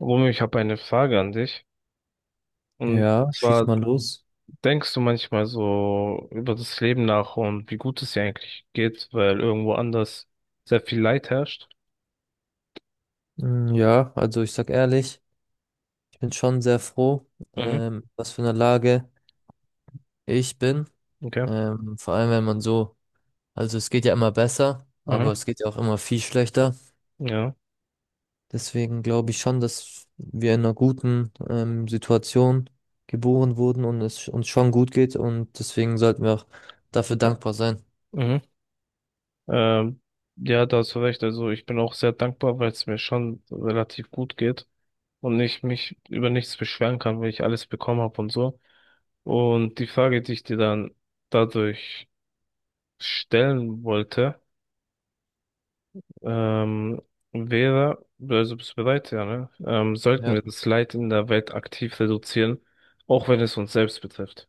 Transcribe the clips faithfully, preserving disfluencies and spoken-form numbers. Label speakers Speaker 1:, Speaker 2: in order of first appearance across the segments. Speaker 1: Romeo, ich habe eine Frage an dich. Und
Speaker 2: Ja, schieß
Speaker 1: zwar
Speaker 2: mal los.
Speaker 1: denkst du manchmal so über das Leben nach und wie gut es dir eigentlich geht, weil irgendwo anders sehr viel Leid herrscht.
Speaker 2: Mm, ja, also ich sag ehrlich, ich bin schon sehr froh,
Speaker 1: Mhm.
Speaker 2: ähm, was für eine Lage ich bin.
Speaker 1: Okay.
Speaker 2: Ähm, vor allem, wenn man so, also es geht ja immer besser, aber
Speaker 1: Aha.
Speaker 2: es geht ja auch immer viel schlechter.
Speaker 1: Ja.
Speaker 2: Deswegen glaube ich schon, dass wir in einer guten, ähm, Situation geboren wurden und es uns schon gut geht und deswegen sollten wir auch dafür dankbar sein.
Speaker 1: Mhm. Ähm, ja, da hast du recht. Also ich bin auch sehr dankbar, weil es mir schon relativ gut geht und ich mich über nichts beschweren kann, weil ich alles bekommen habe und so. Und die Frage, die ich dir dann dadurch stellen wollte, Ähm, wäre, also bist du bereit, ja, ne? Ähm, sollten
Speaker 2: Ja.
Speaker 1: wir das Leid in der Welt aktiv reduzieren, auch wenn es uns selbst betrifft?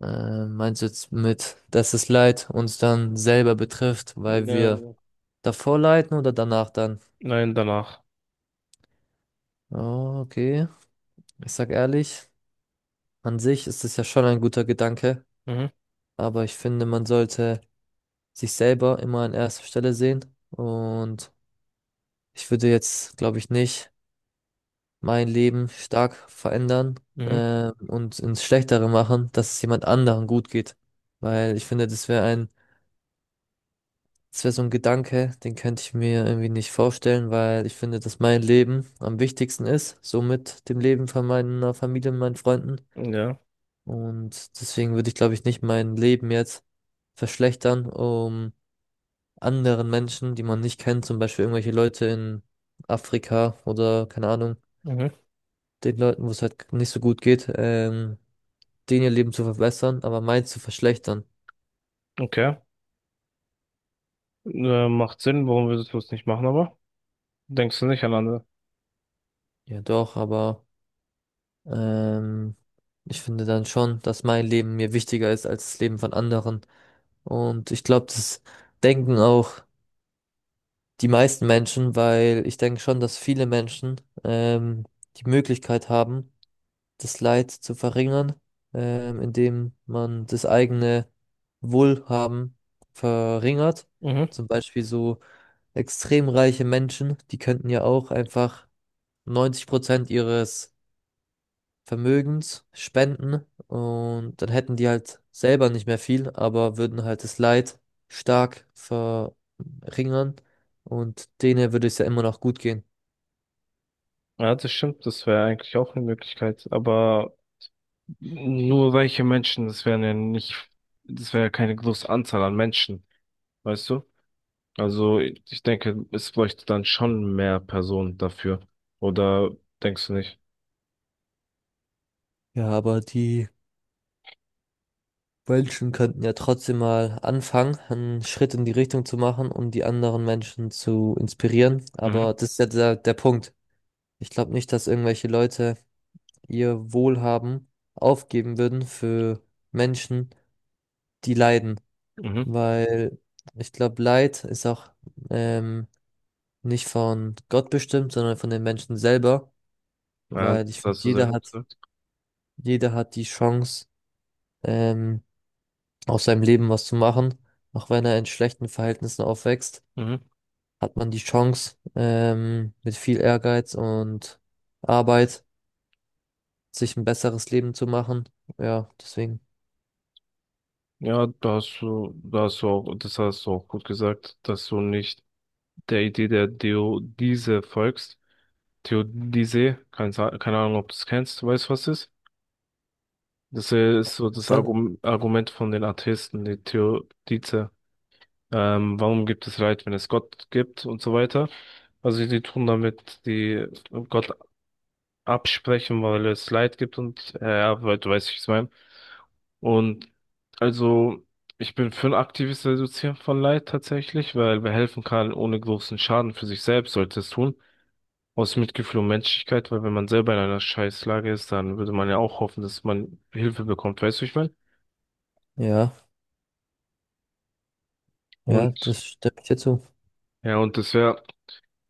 Speaker 2: Ähm, meinst du jetzt mit, dass es Leid uns dann selber betrifft, weil wir
Speaker 1: Nein,
Speaker 2: davor leiten oder danach dann?
Speaker 1: nein, danach.
Speaker 2: Oh, okay. Ich sag ehrlich, an sich ist es ja schon ein guter Gedanke,
Speaker 1: Mhm,
Speaker 2: aber ich finde, man sollte sich selber immer an erster Stelle sehen. Und ich würde jetzt, glaube ich, nicht mein Leben stark verändern,
Speaker 1: mhm,
Speaker 2: äh, und ins Schlechtere machen, dass es jemand anderen gut geht. Weil ich finde, das wäre ein, das wäre so ein Gedanke, den könnte ich mir irgendwie nicht vorstellen, weil ich finde, dass mein Leben am wichtigsten ist, so mit dem Leben von meiner Familie und meinen Freunden.
Speaker 1: ja,
Speaker 2: Und deswegen würde ich, glaube ich, nicht mein Leben jetzt verschlechtern, um anderen Menschen, die man nicht kennt, zum Beispiel irgendwelche Leute in Afrika oder keine Ahnung,
Speaker 1: mhm,
Speaker 2: den Leuten, wo es halt nicht so gut geht, ähm, denen ihr Leben zu verbessern, aber meins zu verschlechtern.
Speaker 1: okay. Äh, macht Sinn, warum würdest du es nicht machen, aber denkst du nicht an andere?
Speaker 2: Ja, doch, aber ähm, ich finde dann schon, dass mein Leben mir wichtiger ist als das Leben von anderen. Und ich glaube, das denken auch die meisten Menschen, weil ich denke schon, dass viele Menschen ähm, die Möglichkeit haben, das Leid zu verringern, ähm, indem man das eigene Wohlhaben verringert.
Speaker 1: Mhm.
Speaker 2: Zum Beispiel so extrem reiche Menschen, die könnten ja auch einfach neunzig Prozent ihres Vermögens spenden und dann hätten die halt selber nicht mehr viel, aber würden halt das Leid stark verringern und denen würde es ja immer noch gut gehen.
Speaker 1: Ja, das stimmt, das wäre eigentlich auch eine Möglichkeit, aber nur reiche Menschen, das wären ja nicht, das wäre ja keine große Anzahl an Menschen, weißt du? Also ich denke, es bräuchte dann schon mehr Personen dafür. Oder denkst du nicht?
Speaker 2: Ja, aber die Menschen könnten ja trotzdem mal anfangen, einen Schritt in die Richtung zu machen, um die anderen Menschen zu inspirieren.
Speaker 1: Mhm.
Speaker 2: Aber das ist ja der, der Punkt. Ich glaube nicht, dass irgendwelche Leute ihr Wohlhaben aufgeben würden für Menschen, die leiden.
Speaker 1: Mhm.
Speaker 2: Weil ich glaube, Leid ist auch ähm, nicht von Gott bestimmt, sondern von den Menschen selber,
Speaker 1: Ja,
Speaker 2: weil ich
Speaker 1: das
Speaker 2: finde,
Speaker 1: hast du sehr
Speaker 2: jeder
Speaker 1: gut
Speaker 2: hat,
Speaker 1: gesagt.
Speaker 2: jeder hat die Chance, ähm, aus seinem Leben was zu machen. Auch wenn er in schlechten Verhältnissen aufwächst,
Speaker 1: Mhm.
Speaker 2: hat man die Chance, ähm, mit viel Ehrgeiz und Arbeit sich ein besseres Leben zu machen. Ja, deswegen.
Speaker 1: Ja, da hast du, da hast du auch, das hast du auch gut gesagt, dass du nicht der Idee der Theodise folgst. Theodizee, keine, Sa- keine Ahnung, ob du es kennst, du weißt, du, was es ist? Das ist so
Speaker 2: Was
Speaker 1: das
Speaker 2: denn?
Speaker 1: Argum- Argument von den Atheisten, die Theodice. Ähm, warum gibt es Leid, wenn es Gott gibt und so weiter? Also die tun damit die Gott absprechen, weil es Leid gibt und äh, ja, weil du weißt, wie ich es meine. Und also ich bin für ein aktives Reduzieren von Leid tatsächlich, weil wer helfen kann, ohne großen Schaden für sich selbst, sollte es tun. Aus Mitgefühl und Menschlichkeit, weil wenn man selber in einer Scheißlage ist, dann würde man ja auch hoffen, dass man Hilfe bekommt, weißt du, wie ich meine?
Speaker 2: Ja, ja,
Speaker 1: Und
Speaker 2: das stimme ich dir zu.
Speaker 1: ja, und das wäre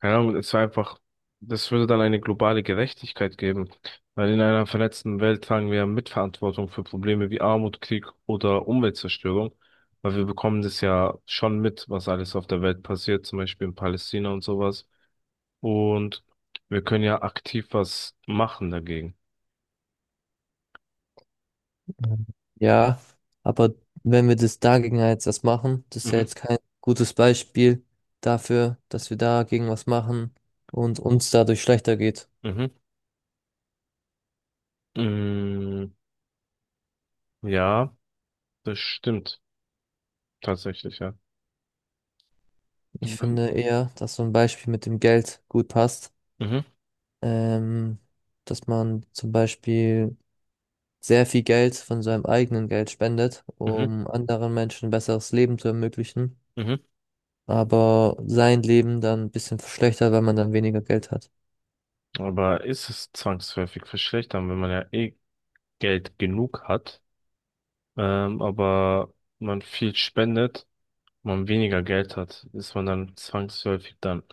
Speaker 1: keine Ahnung, es war einfach, das würde dann eine globale Gerechtigkeit geben, weil in einer vernetzten Welt tragen wir Mitverantwortung für Probleme wie Armut, Krieg oder Umweltzerstörung, weil wir bekommen das ja schon mit, was alles auf der Welt passiert, zum Beispiel in Palästina und sowas. Und wir können ja aktiv was machen dagegen.
Speaker 2: Ja, aber wenn wir das dagegen jetzt was machen, das ist ja
Speaker 1: Mhm,
Speaker 2: jetzt kein gutes Beispiel dafür, dass wir dagegen was machen und uns dadurch schlechter geht.
Speaker 1: mhm. Mm, ja, das stimmt tatsächlich, ja.
Speaker 2: Ich
Speaker 1: Mhm,
Speaker 2: finde eher, dass so ein Beispiel mit dem Geld gut passt. Ähm, dass man zum Beispiel sehr viel Geld von seinem eigenen Geld spendet,
Speaker 1: mhm,
Speaker 2: um anderen Menschen ein besseres Leben zu ermöglichen,
Speaker 1: mhm.
Speaker 2: aber sein Leben dann ein bisschen verschlechtert, weil man dann weniger Geld hat.
Speaker 1: Aber ist es zwangsläufig verschlechtern, wenn man ja eh Geld genug hat, ähm, aber man viel spendet, man weniger Geld hat, ist man dann zwangsläufig dann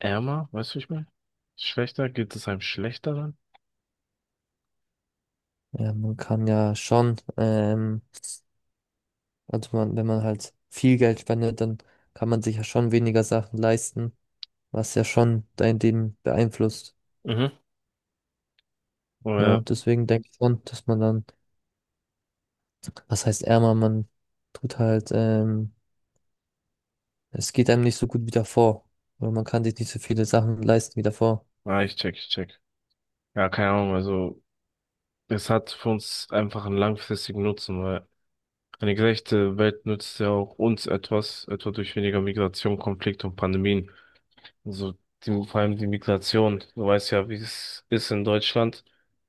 Speaker 1: ärmer, weißt du, wie ich meine? Schlechter, geht es einem schlechter dann?
Speaker 2: Ja, man kann ja schon ähm, also man, wenn man halt viel Geld spendet, dann kann man sich ja schon weniger Sachen leisten, was ja schon dein Leben beeinflusst.
Speaker 1: Mhm.
Speaker 2: Ja,
Speaker 1: Oder,
Speaker 2: deswegen denke ich schon, dass man dann, was heißt ärmer, man tut halt, ähm, es geht einem nicht so gut wie davor. Oder man kann sich nicht so viele Sachen leisten wie davor.
Speaker 1: ah, ich check, ich check. Ja, keine Ahnung, also es hat für uns einfach einen langfristigen Nutzen, weil eine gerechte Welt nützt ja auch uns etwas, etwa durch weniger Migration, Konflikt und Pandemien. Also die, vor allem die Migration. Du weißt ja, wie es ist in Deutschland.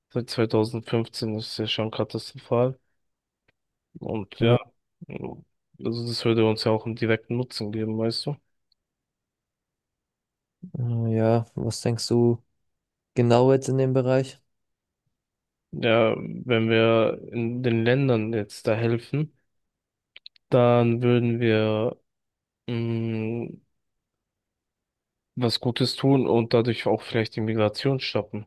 Speaker 1: Seit zwanzig fünfzehn ist es ja schon katastrophal. Und ja,
Speaker 2: Ja,
Speaker 1: also das würde uns ja auch einen direkten Nutzen geben, weißt du?
Speaker 2: äh, ja, was denkst du genau jetzt in dem Bereich?
Speaker 1: Ja, wenn wir in den Ländern jetzt da helfen, dann würden wir mh, was Gutes tun und dadurch auch vielleicht die Migration stoppen.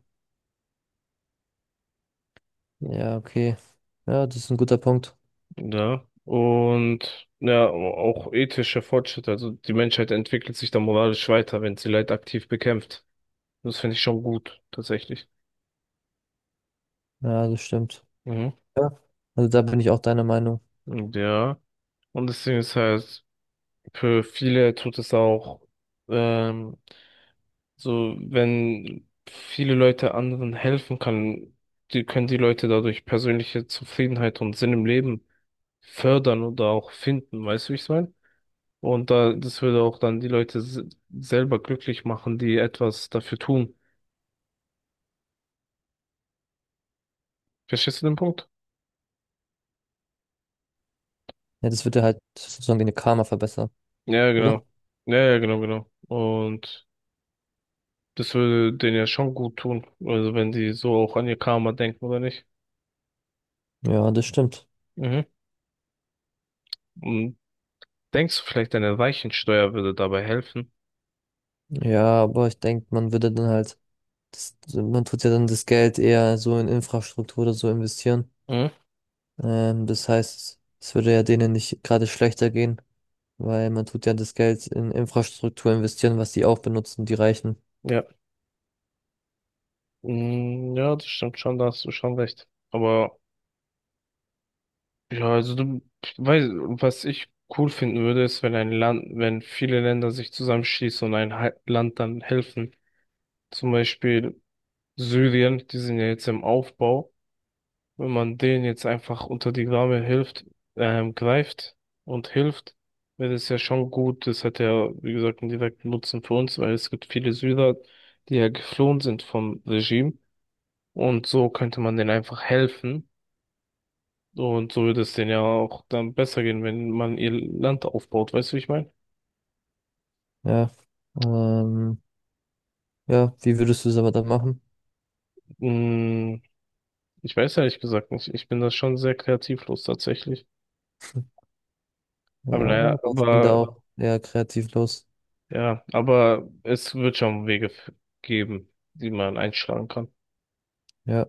Speaker 2: Ja, okay. Ja, das ist ein guter Punkt.
Speaker 1: Ja, und ja, auch ethischer Fortschritt. Also die Menschheit entwickelt sich da moralisch weiter, wenn sie Leid aktiv bekämpft. Das finde ich schon gut, tatsächlich.
Speaker 2: Ja, das stimmt.
Speaker 1: Mhm.
Speaker 2: Ja. Also da bin ich auch deiner Meinung.
Speaker 1: Und ja. Und deswegen ist halt, für viele tut es auch, ähm, so, wenn viele Leute anderen helfen kann, die können die Leute dadurch persönliche Zufriedenheit und Sinn im Leben fördern oder auch finden. Weißt du, wie ich es meine? Und da, das würde auch dann die Leute s- selber glücklich machen, die etwas dafür tun. Verstehst du den Punkt?
Speaker 2: Ja, das würde halt sozusagen deine Karma verbessern,
Speaker 1: Ja,
Speaker 2: oder?
Speaker 1: genau. Ja, ja, genau, genau. Und das würde denen ja schon gut tun. Also wenn die so auch an ihr Karma denken, oder nicht?
Speaker 2: Ja, das stimmt.
Speaker 1: Mhm. Und denkst du vielleicht, eine Weichensteuer würde dabei helfen?
Speaker 2: Ja, aber ich denke, man würde dann halt, das, man tut ja dann das Geld eher so in Infrastruktur oder so investieren.
Speaker 1: Mhm.
Speaker 2: Ähm, das heißt, es würde ja denen nicht gerade schlechter gehen, weil man tut ja das Geld in Infrastruktur investieren, was die auch benutzen, die Reichen.
Speaker 1: Ja. Mm, ja, das stimmt schon, da hast du schon recht. Aber ja, also du weißt, was ich cool finden würde, ist, wenn ein Land, wenn viele Länder sich zusammenschließen und ein Hal- Land dann helfen. Zum Beispiel Syrien, die sind ja jetzt im Aufbau. Wenn man denen jetzt einfach unter die Arme hilft, ähm, greift und hilft, wäre das ja schon gut. Das hat ja, wie gesagt, einen direkten Nutzen für uns, weil es gibt viele Syrer, die ja geflohen sind vom Regime. Und so könnte man denen einfach helfen. Und so würde es denen ja auch dann besser gehen, wenn man ihr Land aufbaut. Weißt du, wie ich meine?
Speaker 2: Ja. Ähm, ja, wie würdest du es aber dann machen?
Speaker 1: Mm, ich weiß ehrlich gesagt nicht. Ich bin da schon sehr kreativlos tatsächlich.
Speaker 2: Ja,
Speaker 1: Aber naja,
Speaker 2: aber ich bin da
Speaker 1: aber
Speaker 2: auch eher kreativlos.
Speaker 1: ja, aber es wird schon Wege f- geben, die man einschlagen kann.
Speaker 2: Ja.